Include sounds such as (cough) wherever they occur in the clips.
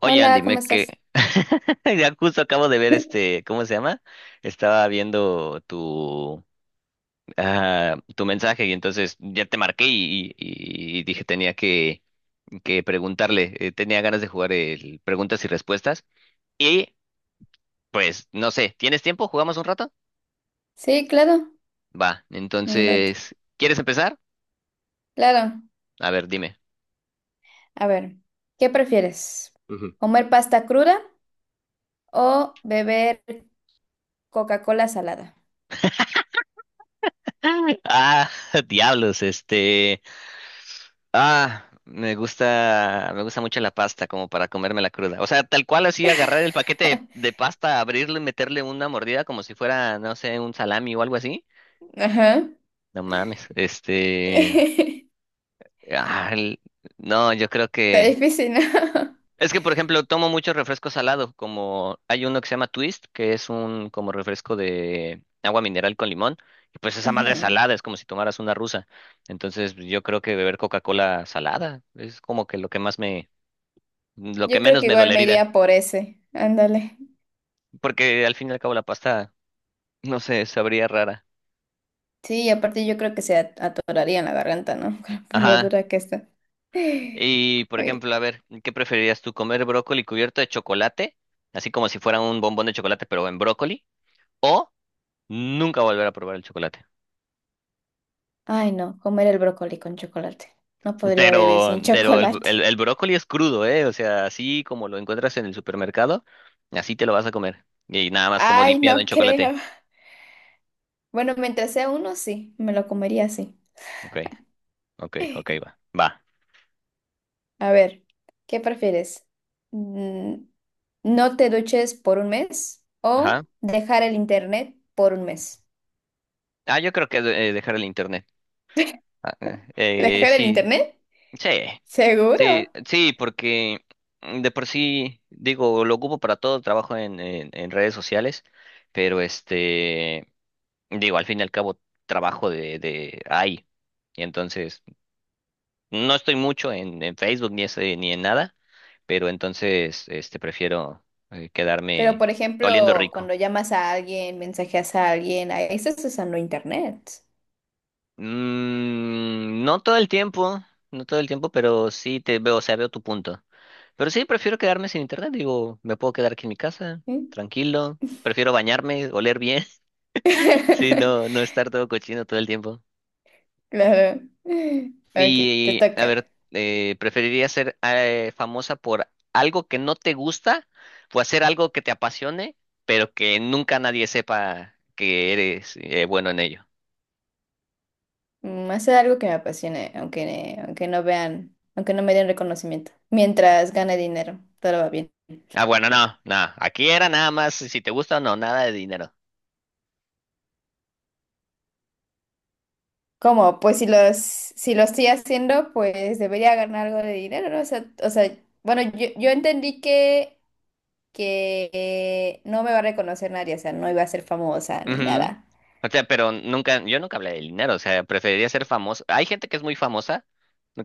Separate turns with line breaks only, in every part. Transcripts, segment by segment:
Oye, Andy,
Hola, ¿cómo
me que
estás?
(laughs) ya justo acabo de ver
(laughs)
este, ¿cómo se llama? Estaba viendo tu mensaje y entonces ya te marqué y dije tenía que preguntarle, tenía ganas de jugar el preguntas y respuestas y pues no sé, ¿tienes tiempo? ¿Jugamos un rato?
Sí, claro,
Va,
un rato.
entonces, ¿quieres empezar?
Claro,
A ver, dime.
a ver, ¿qué prefieres?
Ujú. (laughs)
¿Comer pasta cruda o beber Coca-Cola salada?
Ah, (laughs) diablos, este. Ah, me gusta mucho la pasta como para comérmela cruda. O sea, tal cual así agarrar el paquete de
(laughs)
pasta, abrirlo y meterle una mordida como si fuera, no sé, un salami o algo así.
Ajá.
No mames,
(laughs)
este,
Está
ah, el- no, yo creo que
difícil, ¿no?
es que por ejemplo tomo mucho refresco salado, como hay uno que se llama Twist, que es un como refresco de agua mineral con limón. Y pues
(laughs)
esa madre es
Ujú.
salada, es como si tomaras una rusa. Entonces, yo creo que beber Coca-Cola salada es como que lo que más lo que
Yo creo
menos
que
me
igual me
dolería,
iría por ese. Ándale.
porque al fin y al cabo la pasta, no sé, sabría rara.
Sí, y aparte yo creo que se atoraría en la garganta, ¿no? (laughs) Por lo
Ajá.
dura que está. (laughs)
Y por
Ay,
ejemplo, a ver, ¿qué preferirías tú, comer brócoli cubierto de chocolate, así como si fuera un bombón de chocolate, pero en brócoli, o nunca volver a probar el chocolate?
Ay, no, comer el brócoli con chocolate. No podría vivir sin (laughs)
Pero el, el,
chocolate.
el brócoli es crudo, ¿eh? O sea, así como lo encuentras en el supermercado, así te lo vas a comer. Y nada más como
Ay,
dipeado en
no
chocolate.
creo. Bueno, mientras sea uno, sí, me lo comería así.
Ok, ok, ok, va, va.
A ver, ¿qué prefieres? Mm, ¿No te duches por un mes
Ajá.
o dejar el internet por un mes?
Ah, yo creo que dejar el internet. Ah,
¿Dejar el
sí.
internet?
Sí, sí,
Seguro.
sí, porque mm, de por sí, digo, lo ocupo para todo, trabajo en redes sociales, pero este, digo, al fin y al cabo trabajo de ahí. Y entonces, no estoy mucho en Facebook ni, ese, ni en nada, pero entonces, este, prefiero
Pero,
quedarme
por
oliendo
ejemplo,
rico.
cuando llamas a alguien, mensajeas a alguien, ahí estás usando internet.
Mm, no todo el tiempo, no todo el tiempo, pero sí te veo, o sea, veo tu punto. Pero sí, prefiero quedarme sin internet, digo, me puedo quedar aquí en mi casa,
¿Sí?
tranquilo. Prefiero bañarme, oler bien. (laughs) Sí, no, no
(laughs)
estar todo cochino todo el tiempo.
Claro. Ok, te
Y, a
toca.
ver, ¿preferirías ser famosa por algo que no te gusta o hacer algo que te apasione, pero que nunca nadie sepa que eres bueno en ello?
Hacer algo que me apasione, aunque no vean, aunque no me den reconocimiento. Mientras gane dinero, todo va bien.
Ah, bueno, no, no. Aquí era nada más si te gusta o no, nada de dinero.
¿Cómo? Pues si lo estoy haciendo, pues debería ganar algo de dinero, ¿no? O sea, bueno, yo entendí que no me va a reconocer nadie, o sea, no iba a ser famosa ni
Ujú.
nada.
O sea, pero nunca, yo nunca hablé de dinero, o sea, preferiría ser famoso. Hay gente que es muy famosa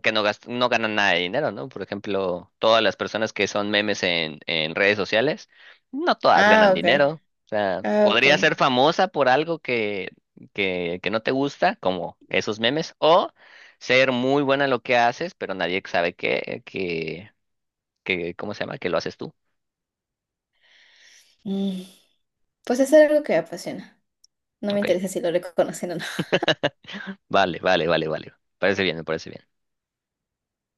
que no gasta, no gana nada de dinero, ¿no? Por ejemplo, todas las personas que son memes en redes sociales, no todas ganan
Ah, ok.
dinero. O sea,
Ah, ok.
podría ser famosa por algo que, que no te gusta, como esos memes, o ser muy buena en lo que haces, pero nadie sabe que, ¿cómo se llama? Que lo haces tú.
Mm, Pues hacer algo que me apasiona. No me
Ok.
interesa si lo reconocen o no.
Vale, vale, vale, vale. Parece bien, me parece bien.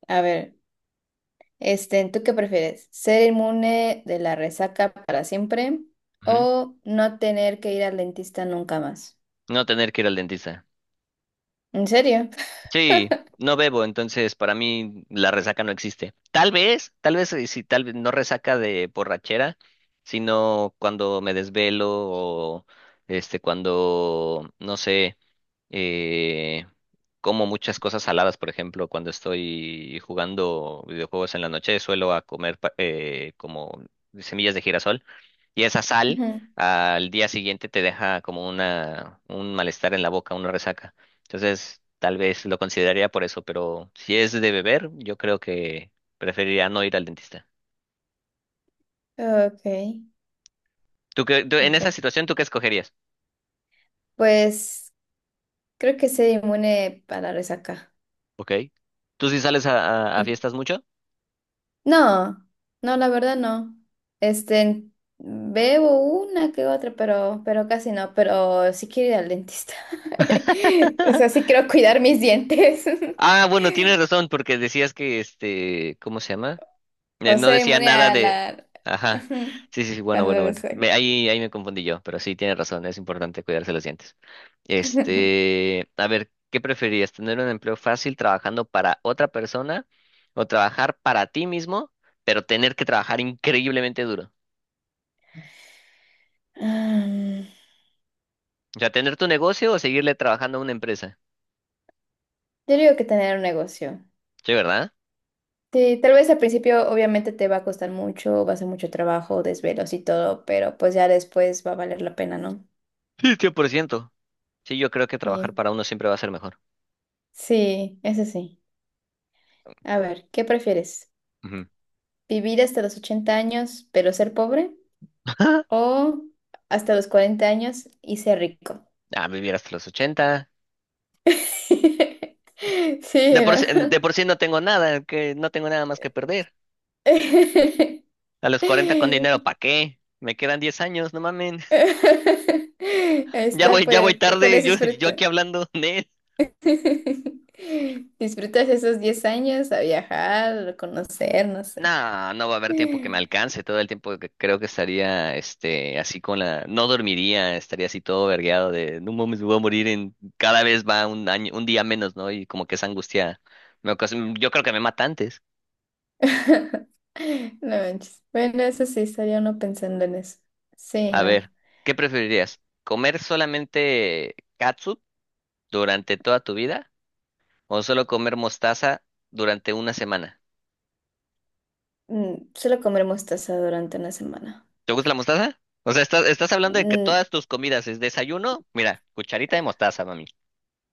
A ver. Este, ¿tú qué prefieres? ¿Ser inmune de la resaca para siempre
Ujú.
o no tener que ir al dentista nunca más?
No tener que ir al dentista.
¿En serio?
Sí, no bebo, entonces para mí la resaca no existe. Tal vez sí, tal vez no resaca de borrachera, sino cuando me desvelo o este cuando no sé, eh, como muchas cosas saladas, por ejemplo, cuando estoy jugando videojuegos en la noche, suelo a comer como semillas de girasol y esa sal
Ujú. (laughs)
al día siguiente te deja como una un malestar en la boca, una resaca. Entonces, tal vez lo consideraría por eso, pero si es de beber, yo creo que preferiría no ir al dentista.
Ok,
En esa
perfecto.
situación, ¿tú qué escogerías?
Pues creo que ser inmune para la resaca.
Ok. ¿Tú sí sales a
Sí.
fiestas mucho?
No, no, la verdad no. Este, bebo una que otra, pero casi no. Pero sí quiero ir al dentista. (laughs) O sea, sí quiero cuidar mis dientes. (laughs)
Ah, bueno, tienes razón, porque decías que este, ¿cómo se llama?
O
No
ser
decía
inmune
nada
a
de...
la... (laughs)
Ajá. Sí, sí, sí,
a
bueno, bueno,
la
bueno.
resaca.
Me- ahí, ahí me confundí yo, pero sí, tiene razón, es importante cuidarse los dientes.
(laughs)
Este, a ver, ¿qué preferirías? ¿Tener un empleo fácil trabajando para otra persona o trabajar para ti mismo, pero tener que trabajar increíblemente duro?
Mm,
O sea, tener tu negocio o seguirle trabajando a una empresa.
Yo digo que tener un negocio.
Sí, ¿verdad?
Sí, tal vez al principio obviamente te va a costar mucho, va a ser mucho trabajo, desvelos y todo, pero pues ya después va a valer la pena, ¿no?
Sí, 100%. Sí, yo creo que trabajar
Y-
para uno siempre va a ser mejor.
sí, eso sí. A ver, ¿qué prefieres?
Ujú.
¿Vivir hasta los 80 años pero ser pobre?
(laughs)
¿O hasta los 40 años y ser rico?
Ah, vivir hasta los 80.
(laughs) Sí, era.
De por sí no tengo nada, que no tengo nada más que perder.
(laughs)
A los 40 con dinero, ¿para qué? Me quedan 10 años, no mamen.
(laughs) Ahí
(laughs)
está,
Ya voy tarde,
puedes
yo aquí
disfrutar.
hablando de él.
(laughs) Disfrutas esos 10 años a viajar, a conocer, no sé.
No, no va a haber tiempo que me alcance, todo el tiempo que creo que estaría, este, así con la, no dormiría, estaría así todo vergueado de, no mames, me voy a morir cada vez va un año, un día menos, ¿no? Y como que esa angustia me ocasiona, yo creo que me mata antes.
(laughs) No manches. Bueno, eso sí, estaría uno pensando en eso. Sí,
A
no.
ver, ¿qué preferirías? ¿Comer solamente catsup durante toda tu vida o solo comer mostaza durante una semana?
Solo comer mostaza durante una semana.
¿Te gusta la mostaza? O sea, estás hablando de que
Mm,
todas tus comidas es desayuno, mira, cucharita de mostaza, mami,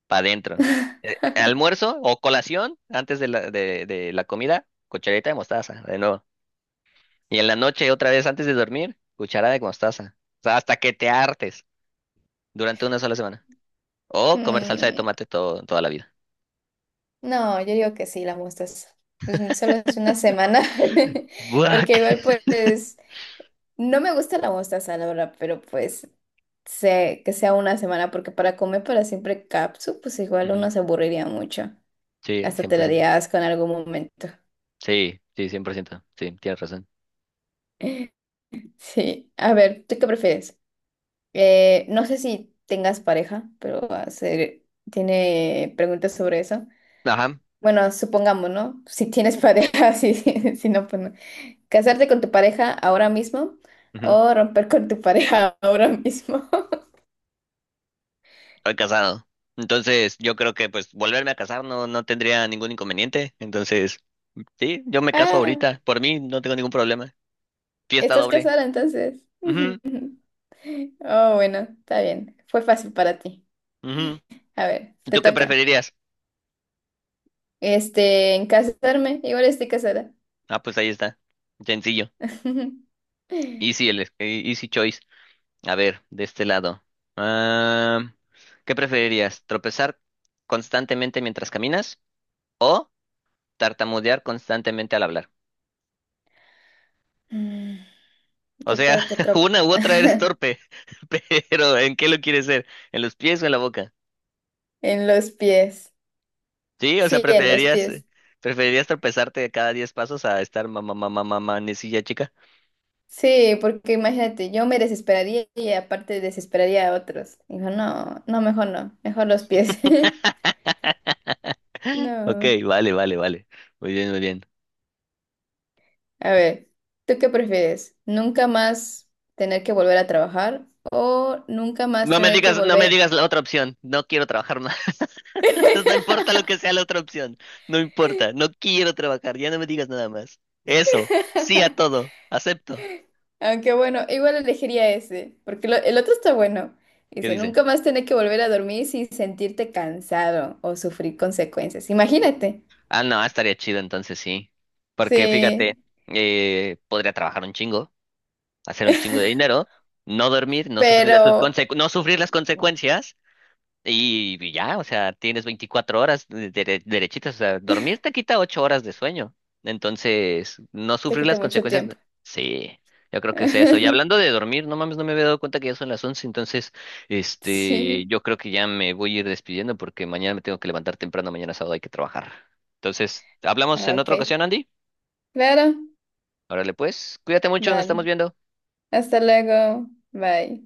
para adentro.
(laughs)
Almuerzo o colación antes de la, de la comida, cucharita de mostaza, de nuevo. Y en la noche, otra vez antes de dormir, cucharada de mostaza. O sea, hasta que te hartes durante una sola semana. O comer salsa de
mm,
tomate toda la vida.
No, yo digo que sí, la mostaza. Pues solo es una semana. (laughs)
Guac.
Porque igual, pues, no me gusta la mostaza, la verdad, pero pues que sea una semana, porque para comer para siempre capsu, pues
(laughs)
igual
Ujú.
uno se aburriría mucho.
Sí,
Hasta
cien
te
por ciento.
daría asco en algún momento.
Sí, sí, 100%. Sí, tienes razón.
(laughs) Sí, a ver, ¿tú qué prefieres? No sé si tengas pareja, pero tiene preguntas sobre eso.
Ajá.
Bueno, supongamos, ¿no? (laughs) Si tienes pareja, (laughs) sí, sí, si no, pues no. ¿Casarte con tu pareja ahora mismo
Ujú.
o romper con tu pareja ahora mismo? (laughs)
Soy casado. Entonces, yo creo que pues volverme a casar no, no tendría ningún inconveniente. Entonces, sí, yo me caso
Ah,
ahorita. Por mí no tengo ningún problema. Fiesta
¿estás
doble.
casada entonces?
Ujú,
(laughs) Oh, bueno, está bien. Fue fácil para ti.
ujú.
A ver, te
¿Tú qué
toca.
preferirías?
Este, en casarme, igual estoy casada.
Ah, pues ahí está. Sencillo.
(laughs)
Easy choice. A ver, de este lado. Ah, ¿qué preferirías? ¿Tropezar constantemente mientras caminas o tartamudear constantemente al hablar?
Mm,
O
Yo
sea,
creo que
(laughs)
otro...
una u otra eres
(laughs)
torpe, (laughs) pero ¿en qué lo quieres ser? ¿En los pies o en la boca?
en los pies.
Sí, o sea,
Sí, en los
preferirías,
pies.
preferirías tropezarte cada 10 pasos a estar mamá, mamá, mamá, necilla chica.
Sí, porque imagínate, yo me desesperaría y aparte desesperaría a otros. Dijo, no, no, mejor no, mejor los pies. (laughs)
(laughs) Ok,
No.
vale, vale, vale. Muy bien, muy bien.
A ver, ¿tú qué prefieres? ¿Nunca más tener que volver a trabajar o nunca más
No me
tener que
digas, no me
volver?
digas la otra opción. No quiero trabajar más. (laughs) No importa lo que sea la otra opción. No importa. No quiero trabajar. Ya no me digas nada más. Eso. Sí a todo. Acepto.
Aunque bueno, igual elegiría ese, porque el otro está bueno.
¿Qué
Dice,
dice?
nunca más tener que volver a dormir sin sentirte cansado o sufrir consecuencias. Imagínate.
Ah, no, estaría chido entonces sí. Porque
Sí,
fíjate, podría trabajar un chingo, hacer un chingo de
(laughs)
dinero, no dormir,
pero
no sufrir las consecuencias y ya, o sea, tienes 24 horas derechitas, o sea, dormir te quita 8 horas de sueño. Entonces, no
te
sufrir
quita
las
mucho
consecuencias,
tiempo.
sí, yo creo que es eso. Y hablando de
(laughs)
dormir, no mames, no me había dado cuenta que ya son las 11 entonces, este,
Sí,
yo creo que ya me voy a ir despidiendo porque mañana me tengo que levantar temprano, mañana sábado hay que trabajar. Entonces, hablamos
ah,
en otra
ok.
ocasión, Andy.
Claro,
Órale, pues, cuídate mucho, nos
dale.
estamos viendo.
Hasta luego. Bye.